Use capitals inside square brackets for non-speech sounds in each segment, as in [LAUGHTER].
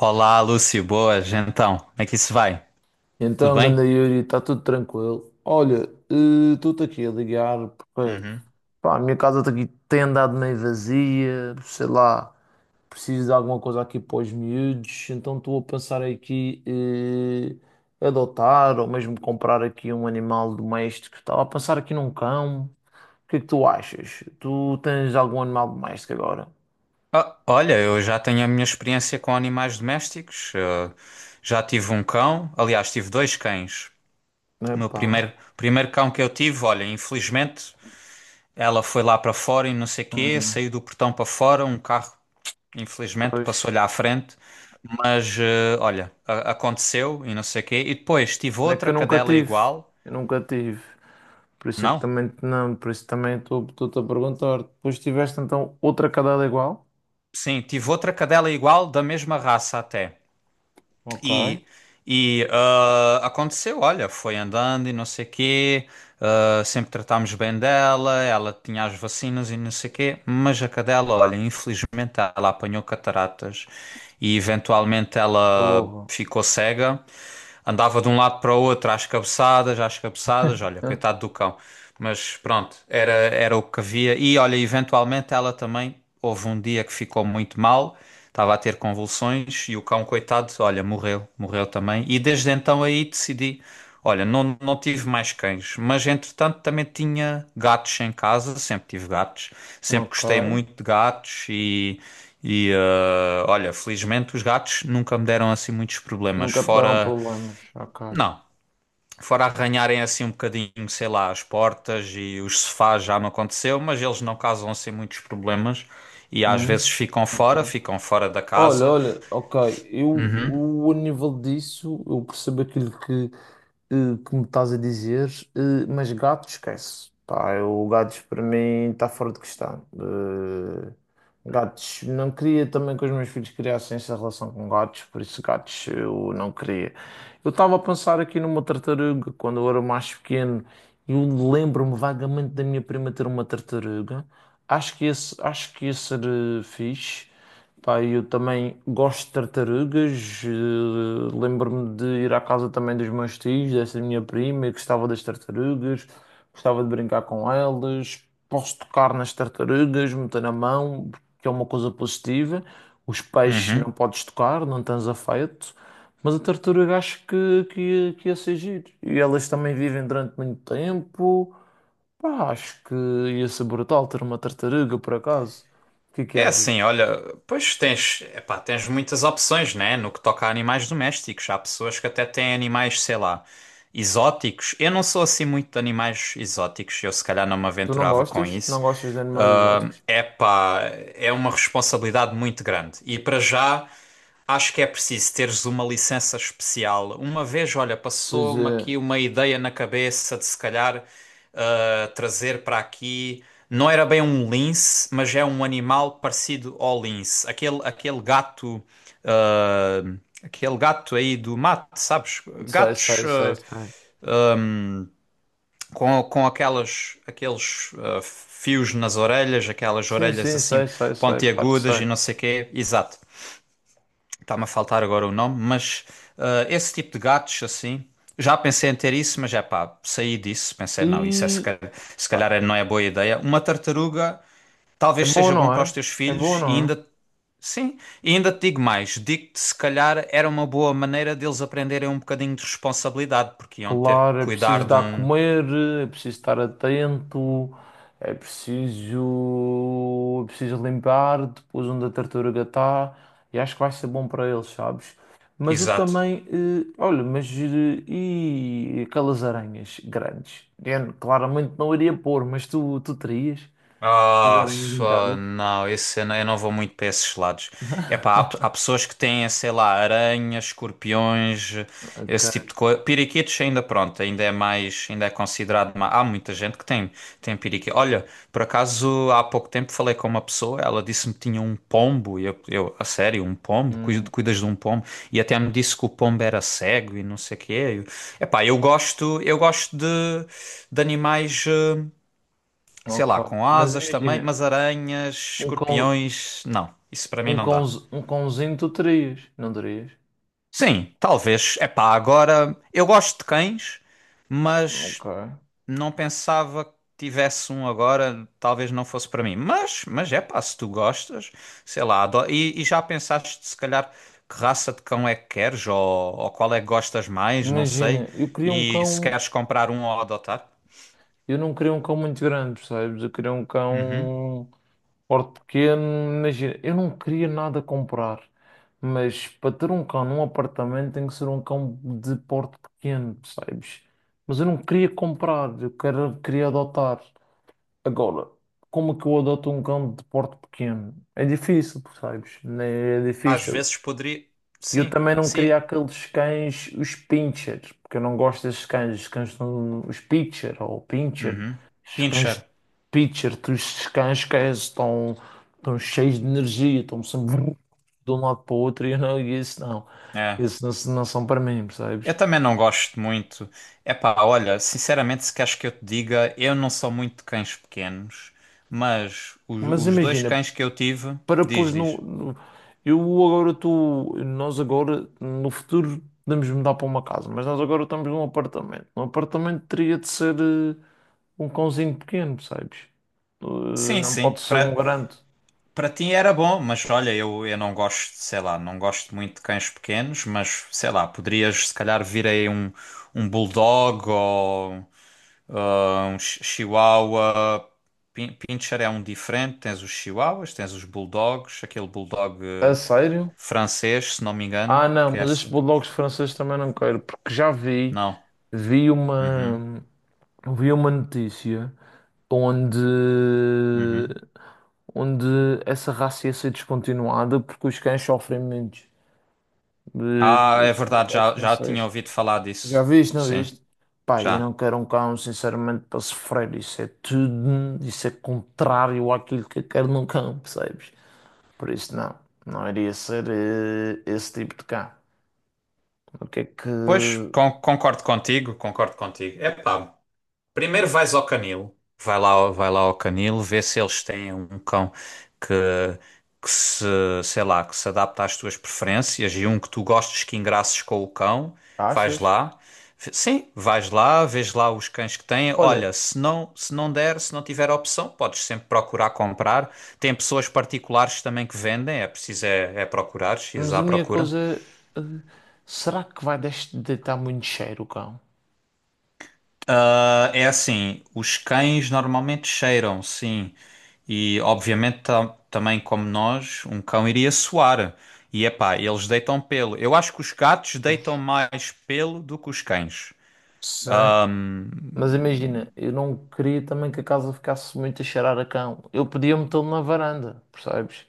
Olá, Lúcio, boas, então, como é que isso vai? Tudo Então, ganda bem? Yuri, está tudo tranquilo. Olha, estou-te aqui a ligar porque Uhum. pá, a minha casa tá aqui tem andado meio vazia, sei lá, preciso de alguma coisa aqui para os miúdos, então estou a pensar aqui adotar ou mesmo comprar aqui um animal doméstico. Estava a pensar aqui num cão. O que é que tu achas? Tu tens algum animal doméstico agora? Ah, olha, eu já tenho a minha experiência com animais domésticos. Já tive um cão, aliás, tive dois cães. O meu Epá. primeiro, primeiro cão que eu tive, olha, infelizmente, ela foi lá para fora e não sei quê, Hum. saiu do portão para fora, um carro, infelizmente, Pois. passou-lhe à frente. Mas, olha, aconteceu e não sei quê. E depois tive É que outra eu nunca cadela tive. igual, Eu nunca tive. Por isso é que não? também não, por isso também estou-te a perguntar. Depois tiveste então outra cadela igual? Sim, tive outra cadela igual, da mesma raça até. Ok. E, e aconteceu, olha, foi andando e não sei quê, ah, sempre tratámos bem dela, ela tinha as vacinas e não sei quê, mas a cadela, olha, infelizmente ela apanhou cataratas e eventualmente ela Porra. ficou cega, andava de um lado para o outro às cabeçadas, olha, Hã? coitado do cão. Mas pronto, era o que havia. E olha, eventualmente ela também, houve um dia que ficou muito mal, estava a ter convulsões e o cão, coitado, olha, morreu, morreu também. E desde então aí decidi, olha, não tive mais cães, mas entretanto também tinha gatos em casa, sempre tive gatos, sempre Ok. gostei muito de gatos. E. E olha, felizmente os gatos nunca me deram assim muitos problemas, Nunca te deram fora problemas. Ok. não. Fora arranharem assim um bocadinho, sei lá, as portas e os sofás já me aconteceu, mas eles não causam assim muitos problemas e às Hum? vezes Ok. Ficam fora da Olha, casa. olha, ok. Eu, Uhum, eu a nível disso, eu percebo aquilo que que me estás a dizer, mas gato esquece. Pá, eu, gatos para mim está fora de questão. Gatos, não queria também que os meus filhos criassem essa relação com gatos, por isso gatos eu não queria. Eu estava a pensar aqui numa tartaruga quando eu era mais pequeno. Eu lembro-me vagamente da minha prima ter uma tartaruga. Acho que esse, acho que ia ser fixe. Pá, eu também gosto de tartarugas. Lembro-me de ir à casa também dos meus tios, dessa minha prima, e gostava das tartarugas, gostava de brincar com elas. Posso tocar nas tartarugas, meter na mão, que é uma coisa positiva. Os peixes não uhum. podes tocar, não tens afeto. Mas a tartaruga acho que, que ia ser giro. E elas também vivem durante muito tempo. Pá, acho que ia ser brutal ter uma tartaruga, por acaso. O que é que É achas? assim, olha, pois tens, epá, tens muitas opções, né? No que toca a animais domésticos, há pessoas que até têm animais, sei lá, exóticos. Eu não sou assim muito de animais exóticos, eu se calhar não me Tu não aventurava com gostas? isso. Não gostas de animais Ah, exóticos? epá, é uma responsabilidade muito grande. E para já, acho que é preciso teres uma licença especial. Uma vez, olha, Pois passou-me é, aqui uma ideia na cabeça de se calhar trazer para aqui. Não era bem um lince, mas é um animal parecido ao lince. Aquele gato. Aquele gato aí do mato, sabes? sei, Gatos sei, sei, sei. Com aquelas, aqueles fios nas orelhas, aquelas Sim, orelhas sim, assim sei, sei, sei, claro que pontiagudas e sei. não sei o quê. Exato. Está-me a faltar agora o nome, mas esse tipo de gatos assim. Já pensei em ter isso, mas é pá, saí disso. Pensei, não, isso é se E calhar, se pá, calhar não é boa ideia. Uma tartaruga é talvez bom, seja bom não para os é? teus É bom, filhos e não é? ainda, sim, e ainda te digo mais, digo-te se calhar era uma boa maneira deles aprenderem um bocadinho de responsabilidade, porque iam ter que Claro, é cuidar preciso de dar a um, comer, é preciso estar atento, é preciso limpar depois onde a tartaruga está e acho que vai ser bom para eles, sabes? Mas eu exato. também, olha, mas e aquelas aranhas grandes? Eu claramente não iria pôr, mas tu terias as Ah, aranhas f- em ah, casa? não, esse eu não vou muito para esses lados. É pá, há, há pessoas que têm, sei lá, aranhas, escorpiões, esse tipo Ok, de coisa. Piriquitos ainda, pronto, ainda é mais, ainda é considerado mais. Há muita gente que tem, tem piriquitos. Olha, por acaso há pouco tempo falei com uma pessoa, ela disse-me que tinha um pombo, e eu, a sério, um pombo? Hum, Cuidas de um pombo? E até me disse que o pombo era cego e não sei o quê. É pá, eu epá, eu gosto de animais. Sei ok. lá, com Mas asas também, imagina, mas aranhas, um cão, escorpiões, não, isso para mim um não cão, dá. um cãozinho tu terias, não terias? Sim, talvez. É pá, agora eu gosto de cães, Ok. mas não pensava que tivesse um agora, talvez não fosse para mim. Mas é pá, se tu gostas, sei lá, e já pensaste se calhar que raça de cão é que queres, ou qual é que gostas mais, não sei, Imagina, eu queria um e se cão, queres comprar um ou adotar? eu não queria um cão muito grande, percebes? Eu queria um Uhum. cão porte pequeno, imagina, eu não queria nada comprar, mas para ter um cão num apartamento tem que ser um cão de porte pequeno, percebes? Mas eu não queria comprar, eu quero, queria adotar. Agora, como é que eu adoto um cão de porte pequeno? É difícil, percebes? Né, é Às difícil. vezes poderia. E eu Sim, também não sim. queria aqueles cães, os pincher, porque eu não gosto desses cães, os cães, os pitcher ou pincher, Uhum. os cães Pinscher. pitcher, os cães que estão, estão cheios de energia, estão sempre [LAUGHS] vrum, de um lado para o outro e eu não, e isso não, É, isso não, não são para mim, eu percebes? também não gosto muito. Epá, olha, sinceramente, se queres que eu te diga, eu não sou muito de cães pequenos, mas Mas os dois imagina, cães que eu tive, para diz, pôs diz. Eu agora estou, nós agora, no futuro, podemos mudar para uma casa, mas nós agora estamos num apartamento. Um apartamento teria de ser. Um cãozinho pequeno, percebes? Sim, Não sim, pode ser um para grande. para ti era bom, mas olha, eu não gosto, sei lá, não gosto muito de cães pequenos, mas sei lá, poderias se calhar vir aí um bulldog ou. Ah, um chihuahua. Pincher é um diferente. Tens os chihuahuas, tens os bulldogs, aquele bulldog A sério? francês, se não me engano, Ah, não, que é mas estes assim. bulldogs franceses também não quero, porque já vi, Não. vi Uhum, uma, vi uma notícia onde, uhum. onde essa raça ia ser descontinuada porque os cães sofrem muito. Ah, é Estes verdade, bulldogs já, já tinha franceses. ouvido falar Já disso. viste, não Sim, viste? Pá, eu não já. quero um cão, sinceramente, para sofrer. Isso é tudo, isso é contrário àquilo que eu quero num cão, percebes? Por isso, não. Não iria ser esse tipo de cá. O que é que Pois, concordo contigo, concordo contigo. Epá, primeiro vais ao canil, vai lá, vai lá ao canil, vê se eles têm um cão que, que se, sei lá, que se adapta às tuas preferências e um que tu gostes, que engraças com o cão, vais achas? lá. Sim, vais lá, vês lá os cães que têm. Olha, Olha, se não, se não der, se não tiver opção, podes sempre procurar comprar. Tem pessoas particulares também que vendem, é preciso é, é procurar, ir mas à a minha procura. coisa. eh, Será que vai deitar muito cheiro o cão? Ah, é assim, os cães normalmente cheiram, sim. E obviamente também como nós, um cão iria suar. E epá, eles deitam pelo. Eu acho que os gatos Pois. deitam mais pelo do que os cães. Sim. Mas imagina, eu não queria também que a casa ficasse muito a cheirar a cão. Eu podia metê-lo na varanda, percebes?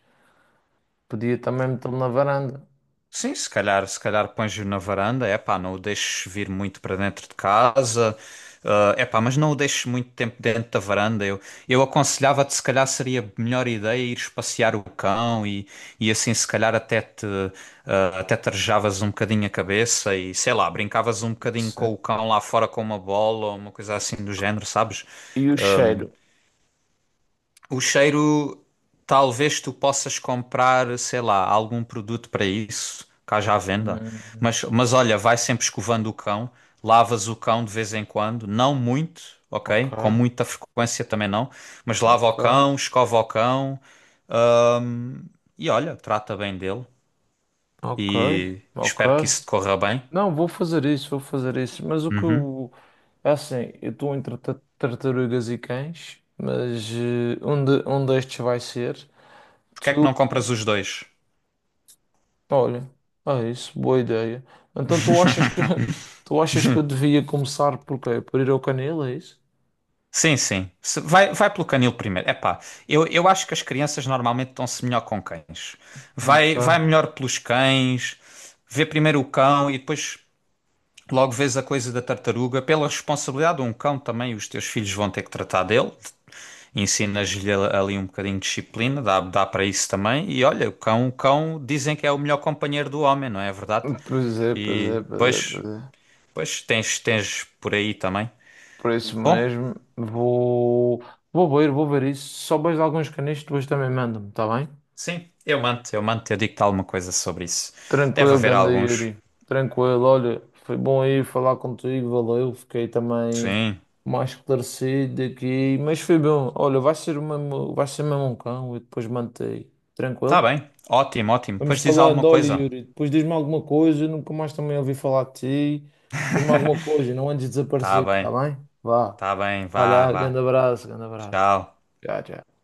Podia também metê-lo na varanda. Sim, se calhar, se calhar pões-o na varanda, é pá, não o deixes vir muito para dentro de casa, é pá, mas não o deixes muito tempo dentro da varanda. Eu aconselhava-te, se calhar seria a melhor ideia ires passear o cão e assim, se calhar, até te arejavas um bocadinho a cabeça e sei lá, brincavas um bocadinho Sim. com o cão lá fora com uma bola ou uma coisa assim do género, sabes? E o cheiro? O cheiro, talvez tu possas comprar, sei lá, algum produto para isso, cá já à venda. Hum, Mas olha, vai sempre escovando o cão, lavas o cão de vez em quando, não muito, ok? ok, Com muita frequência também não, mas lava o ok, cão, escova o cão e olha, trata bem dele ok, e ok. espero que isso te corra bem. Não, vou fazer isso. Mas o que Uhum. eu. É assim, eu estou entre tartarugas e cães, mas um, de, um destes vai ser. Porque é que não Tu. compras os dois? Olha, é isso, boa ideia. Então tu achas que. [LAUGHS] Tu achas que eu devia começar por quê? Por ir ao canil, é isso? Sim, sim. Vai, vai pelo canil primeiro. Epá, eu acho que as crianças normalmente estão-se melhor com cães. Ok. Vai, vai melhor pelos cães, vê primeiro o cão e depois logo vês a coisa da tartaruga. Pela responsabilidade de um cão também, os teus filhos vão ter que tratar dele. Ensinas-lhe ali um bocadinho de disciplina, dá, dá para isso também. E olha, o cão dizem que é o melhor companheiro do homem, não é verdade? Pois é, pois é, E pois é, pois, pois é. pois tens, tens por aí também. Por isso Bom. mesmo, vou. Vou ver isso. Se souberes de alguns canis, depois também manda-me, está bem? Sim, eu mando, eu mando, eu digo-te alguma coisa sobre isso. Deve Tranquilo, haver ganda alguns. Yuri. Tranquilo, olha, foi bom aí falar contigo, valeu. Fiquei também Sim, mais esclarecido aqui, mas foi bom. Olha, vai ser mesmo um cão e depois mantei. tá Tranquilo? bem. Ótimo, ótimo. Vamos Pois diz falando, alguma olha, coisa. Yuri, depois diz-me alguma coisa, nunca mais também ouvi falar de ti. Diz-me alguma coisa, não andes Tá desaparecido, tá bem, bem? Vá, tá bem, vai vá, lá, vá. Grande abraço. Tchau. Tchau, tchau.